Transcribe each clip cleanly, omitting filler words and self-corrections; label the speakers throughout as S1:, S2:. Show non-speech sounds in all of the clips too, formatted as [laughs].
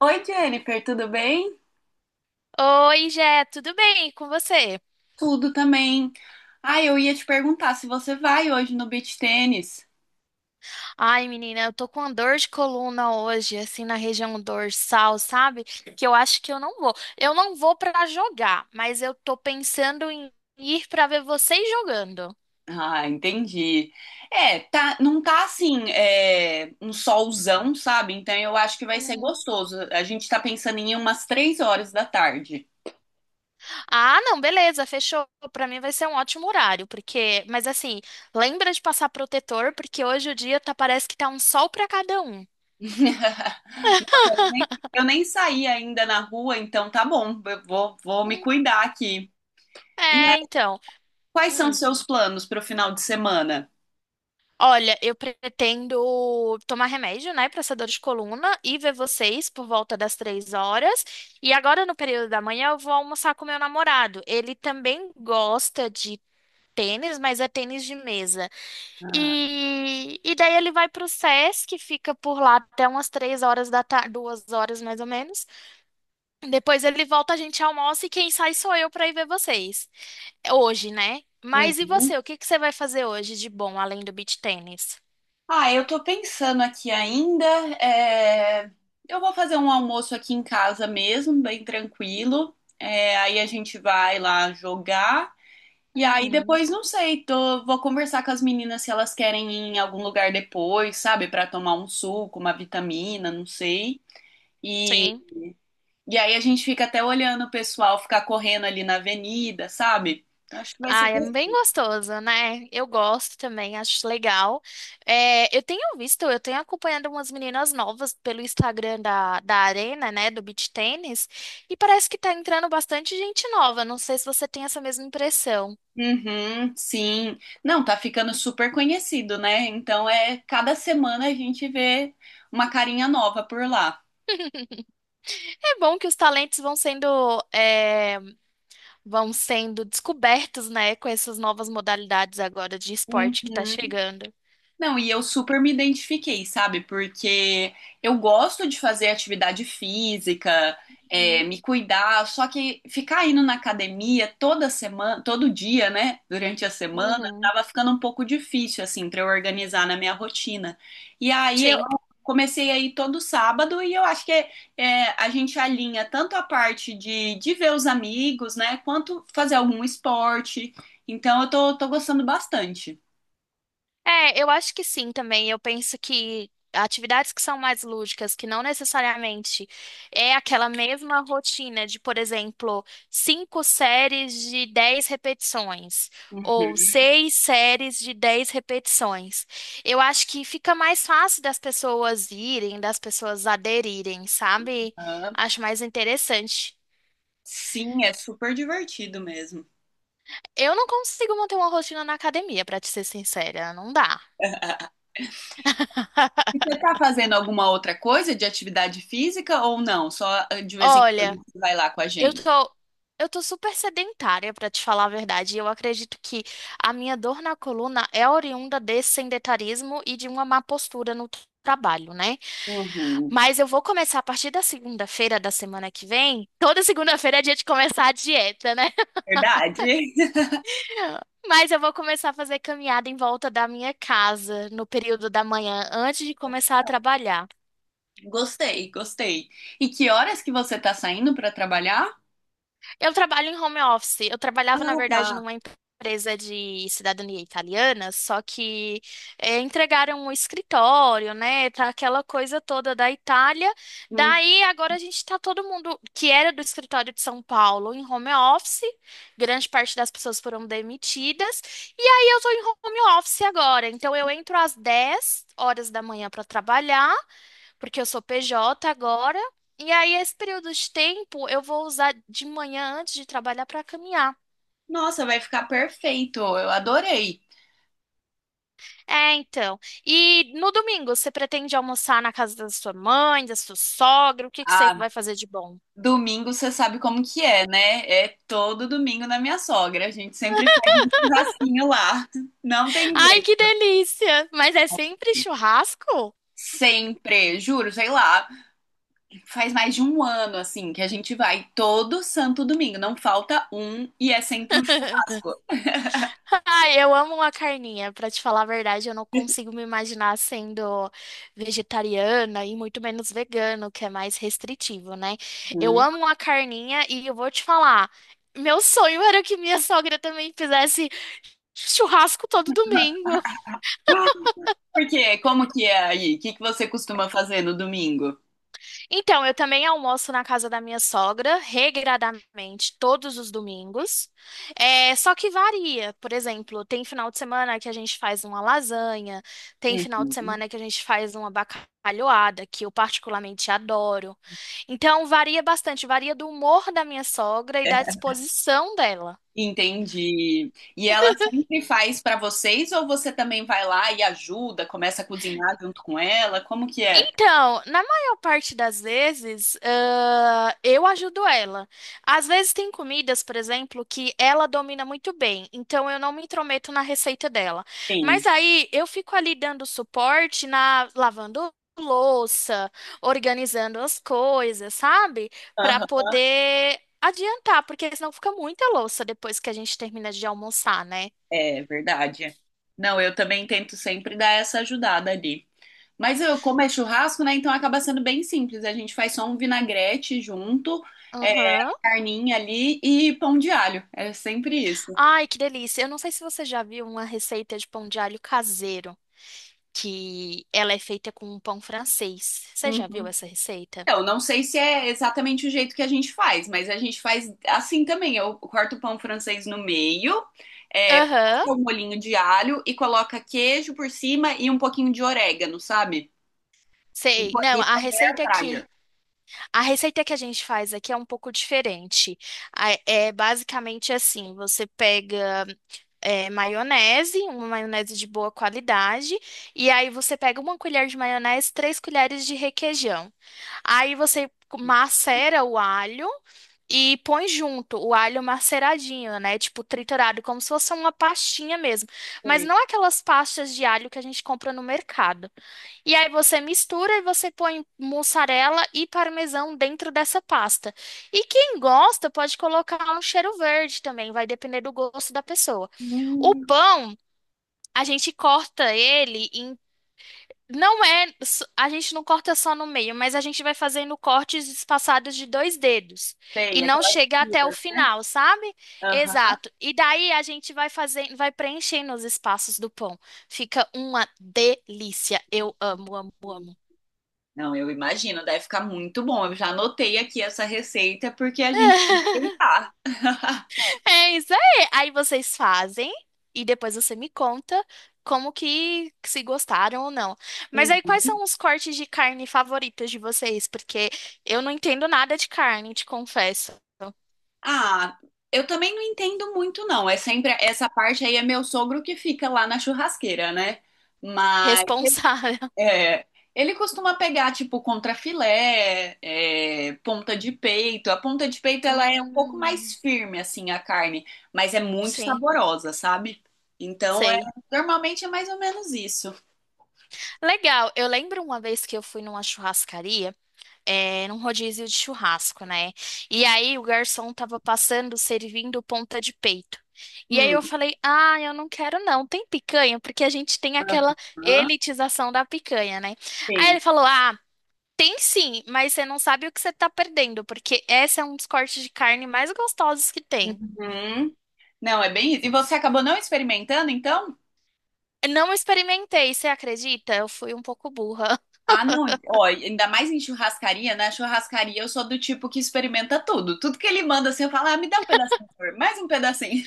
S1: Oi, Jennifer, tudo bem?
S2: Oi, Jé, tudo bem? E com você?
S1: Tudo também. Ah, eu ia te perguntar se você vai hoje no beach tênis.
S2: Ai, menina, eu tô com uma dor de coluna hoje, assim, na região dorsal, sabe? Que eu acho que eu não vou. Eu não vou pra jogar, mas eu tô pensando em ir pra ver vocês jogando.
S1: Ah, entendi. É, tá, não tá assim, um solzão, sabe? Então eu acho que vai ser
S2: Uhum.
S1: gostoso. A gente tá pensando em ir umas 3 horas da tarde.
S2: Ah, não, beleza, fechou. Pra mim vai ser um ótimo horário, porque, mas assim, lembra de passar protetor, porque hoje o dia tá, parece que tá um sol pra cada um.
S1: [laughs] Eu nem saí ainda na rua, então tá bom, vou me
S2: Hum,
S1: cuidar aqui. E
S2: É,
S1: aí,
S2: então.
S1: quais são seus planos para o final de semana?
S2: Olha, eu pretendo tomar remédio, né, para essa dor de coluna e ver vocês por volta das três horas. E agora, no período da manhã, eu vou almoçar com meu namorado. Ele também gosta de tênis, mas é tênis de mesa.
S1: Ah.
S2: E daí ele vai para o SESC, fica por lá até umas três horas da tarde, duas horas mais ou menos. Depois ele volta, a gente almoça e quem sai sou eu para ir ver vocês. Hoje, né? Mas e
S1: Uhum.
S2: você? O que que você vai fazer hoje de bom, além do beach tênis?
S1: Ah, eu tô pensando aqui ainda. é, Eu vou fazer um almoço aqui em casa mesmo, bem tranquilo. É, aí a gente vai lá jogar. E aí
S2: Uhum.
S1: depois, não sei, vou conversar com as meninas se elas querem ir em algum lugar depois, sabe? Pra tomar um suco, uma vitamina, não sei. E,
S2: Sim.
S1: e aí a gente fica até olhando o pessoal ficar correndo ali na avenida, sabe? Então acho que vai
S2: Ah,
S1: ser.
S2: é bem gostoso, né? Eu gosto também, acho legal. É, eu tenho visto, eu tenho acompanhado umas meninas novas pelo Instagram da Arena, né, do Beach Tennis, e parece que tá entrando bastante gente nova. Não sei se você tem essa mesma impressão.
S1: Uhum, sim. Não, tá ficando super conhecido, né? Então é cada semana a gente vê uma carinha nova por lá.
S2: [laughs] É bom que os talentos vão sendo, é, vão sendo descobertos, né, com essas novas modalidades agora de esporte que tá
S1: Uhum.
S2: chegando.
S1: Não, e eu super me identifiquei, sabe? Porque eu gosto de fazer atividade física,
S2: Uhum.
S1: me cuidar, só que ficar indo na academia toda semana, todo dia, né? Durante a semana,
S2: Uhum.
S1: tava ficando um pouco difícil, assim, pra eu organizar na minha rotina. E aí eu
S2: Sim.
S1: comecei a ir todo sábado e eu acho que a gente alinha tanto a parte de ver os amigos, né? Quanto fazer algum esporte. Então eu tô gostando bastante.
S2: É, eu acho que sim também. Eu penso que atividades que são mais lúdicas, que não necessariamente é aquela mesma rotina de, por exemplo, cinco séries de 10 repetições ou
S1: Uhum.
S2: seis séries de 10 repetições. Eu acho que fica mais fácil das pessoas irem, das pessoas aderirem, sabe? Acho mais interessante.
S1: Sim, é super divertido mesmo.
S2: Eu não consigo manter uma rotina na academia, pra te ser sincera, não dá.
S1: [laughs]
S2: [laughs]
S1: E você está fazendo alguma outra coisa de atividade física ou não? Só de vez em
S2: Olha.
S1: quando você vai lá com a
S2: Eu
S1: gente.
S2: tô, eu tô super sedentária, pra te falar a verdade. E eu acredito que a minha dor na coluna é oriunda desse sedentarismo e de uma má postura no trabalho, né?
S1: Uhum.
S2: Mas eu vou começar a partir da segunda-feira da semana que vem. Toda segunda-feira é dia de começar a dieta, né?
S1: Verdade. [laughs]
S2: [laughs] Mas eu vou começar a fazer caminhada em volta da minha casa no período da manhã, antes de começar a trabalhar.
S1: Gostei, gostei. E que horas que você está saindo para trabalhar?
S2: Eu trabalho em home office. Eu
S1: Ah,
S2: trabalhava, na verdade,
S1: tá.
S2: numa empresa de cidadania italiana, só que entregaram o escritório, né? Tá aquela coisa toda da Itália.
S1: Hum.
S2: Daí agora a gente tá todo mundo que era do escritório de São Paulo em home office. Grande parte das pessoas foram demitidas. E aí eu tô em home office agora. Então eu entro às 10 horas da manhã para trabalhar porque eu sou PJ agora. E aí, esse período de tempo, eu vou usar de manhã antes de trabalhar para caminhar.
S1: Nossa, vai ficar perfeito. Eu adorei.
S2: É, então. E no domingo, você pretende almoçar na casa da sua mãe, da sua sogra? O que que você
S1: Ah,
S2: vai fazer de bom?
S1: domingo você sabe como que é, né? É todo domingo na minha sogra. A gente sempre faz um churrasquinho lá. Não tem
S2: Ai, que
S1: jeito.
S2: delícia! Mas é sempre churrasco?
S1: Sempre, juro, sei lá. Faz mais de um ano, assim, que a gente vai todo santo domingo. Não falta um e é sempre um
S2: [laughs]
S1: churrasco.
S2: Ai, eu amo uma carninha. Pra te falar a verdade, eu não consigo me imaginar sendo vegetariana e muito menos vegano, que é mais restritivo, né? Eu
S1: Uhum.
S2: amo uma carninha e eu vou te falar, meu sonho era que minha sogra também fizesse churrasco todo domingo.
S1: Por Como que é aí? O que que você costuma fazer no domingo?
S2: Então, eu também almoço na casa da minha sogra, regradamente, todos os domingos. É, só que varia. Por exemplo, tem final de semana que a gente faz uma lasanha, tem final de
S1: Uhum.
S2: semana que a gente faz uma bacalhoada, que eu particularmente adoro. Então, varia bastante, varia do humor da minha sogra e da disposição dela.
S1: Entendi. E ela sempre faz pra vocês ou você também vai lá e ajuda, começa a cozinhar junto com ela? Como que é?
S2: Então, na maior parte das vezes, ah, eu ajudo ela. Às vezes tem comidas, por exemplo, que ela domina muito bem, então eu não me intrometo na receita dela. Mas
S1: Sim.
S2: aí eu fico ali dando suporte na lavando louça, organizando as coisas, sabe? Para
S1: Aham.
S2: poder adiantar, porque senão fica muita louça depois que a gente termina de almoçar, né?
S1: É verdade. Não, eu também tento sempre dar essa ajudada ali. Mas eu, como é churrasco, né? Então acaba sendo bem simples. A gente faz só um vinagrete junto, a
S2: Aham.
S1: carninha ali e pão de alho. É sempre isso.
S2: Ai, que delícia. Eu não sei se você já viu uma receita de pão de alho caseiro, que ela é feita com um pão francês. Você já
S1: Uhum.
S2: viu essa receita?
S1: Então, não sei se é exatamente o jeito que a gente faz, mas a gente faz assim também. Eu corto o pão francês no meio, passo
S2: Aham.
S1: o molhinho de alho e coloca queijo por cima e um pouquinho de orégano, sabe? E
S2: Sei.
S1: põe
S2: Não,
S1: e põe na air fryer.
S2: a receita que a gente faz aqui é um pouco diferente. É basicamente assim, você pega maionese, uma maionese de boa qualidade, e aí você pega uma colher de maionese, três colheres de requeijão. Aí você macera o alho e põe junto o alho maceradinho, né? Tipo triturado, como se fosse uma pastinha mesmo. Mas
S1: Sei.
S2: não aquelas pastas de alho que a gente compra no mercado. E aí você mistura e você põe mussarela e parmesão dentro dessa pasta. E quem gosta pode colocar um cheiro verde também, vai depender do gosto da pessoa. O
S1: Hum,
S2: pão, a gente corta ele em não é, a gente não corta só no meio, mas a gente vai fazendo cortes espaçados de dois dedos e
S1: sei,
S2: não
S1: aquela
S2: chega até o
S1: comida, né?
S2: final, sabe?
S1: Aham.
S2: Exato. E daí a gente vai fazendo, vai preenchendo os espaços do pão. Fica uma delícia. Eu amo, amo, amo.
S1: Não, eu imagino, deve ficar muito bom. Eu já anotei aqui essa receita porque a gente tem que tentar. [laughs]
S2: É isso aí. Aí vocês fazem e depois você me conta como que se gostaram ou não. Mas aí quais
S1: Uhum.
S2: são os cortes de carne favoritos de vocês? Porque eu não entendo nada de carne, te confesso.
S1: Ah, eu também não entendo muito, não. É sempre essa parte aí é meu sogro que fica lá na churrasqueira, né? Mas
S2: Responsável. [laughs]
S1: é, ele costuma pegar tipo contrafilé, ponta de peito. A ponta de peito ela é um pouco mais
S2: Hum,
S1: firme assim a carne, mas é muito
S2: sim,
S1: saborosa, sabe? Então é
S2: sei.
S1: Normalmente é mais ou menos isso.
S2: Legal. Eu lembro uma vez que eu fui numa churrascaria, num rodízio de churrasco, né? E aí o garçom tava passando, servindo ponta de peito. E aí eu
S1: Hum.
S2: falei, ah, eu não quero não, tem picanha, porque a gente tem aquela
S1: Aham.
S2: elitização da picanha, né? Aí
S1: Sim.
S2: ele falou, ah, tem sim, mas você não sabe o que você tá perdendo, porque esse é um dos cortes de carne mais gostosos que tem.
S1: Uhum. Não, é bem isso. E você acabou não experimentando, então?
S2: Eu Não experimentei, você acredita? Eu fui um pouco burra.
S1: Ah, não. Ó, ainda mais em churrascaria, na churrascaria eu sou do tipo que experimenta tudo. Tudo que ele manda, assim, eu falo, ah, me dá um pedacinho, por favor. Mais um pedacinho.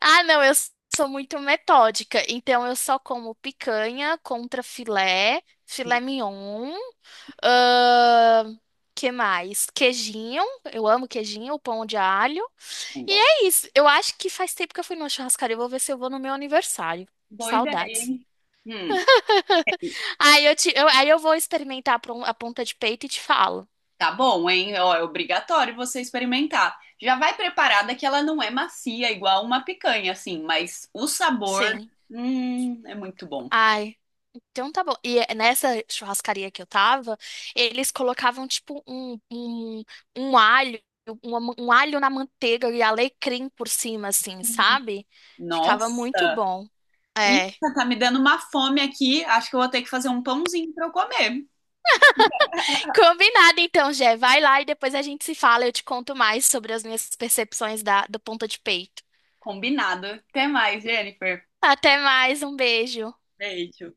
S2: Ah, não, eu sou muito metódica. Então eu só como picanha, contra filé, filé mignon. ahn, que mais? Queijinho. Eu amo queijinho, pão de alho.
S1: [laughs]
S2: E
S1: Não.
S2: é isso. Eu acho que faz tempo que eu fui numa churrascaria. Eu vou ver se eu vou no meu aniversário.
S1: Boa ideia,
S2: Saudades.
S1: hein? Hum,
S2: [laughs] Aí eu vou experimentar a a ponta de peito e te falo.
S1: tá bom, hein? Ó, é obrigatório você experimentar. Já vai preparada que ela não é macia, igual uma picanha, assim, mas o sabor,
S2: Sim.
S1: é muito bom.
S2: Ai. Então tá bom. E nessa churrascaria que eu tava, eles colocavam tipo um alho, um alho na manteiga e alecrim por cima, assim, sabe? Ficava muito
S1: Nossa.
S2: bom. É.
S1: Menina, tá me dando uma fome aqui. Acho que eu vou ter que fazer um pãozinho pra eu comer.
S2: Combinado então, Jé. Vai lá e depois a gente se fala. Eu te conto mais sobre as minhas percepções da, do ponta de peito.
S1: Combinado. Até mais, Jennifer.
S2: Até mais, um beijo.
S1: Beijo.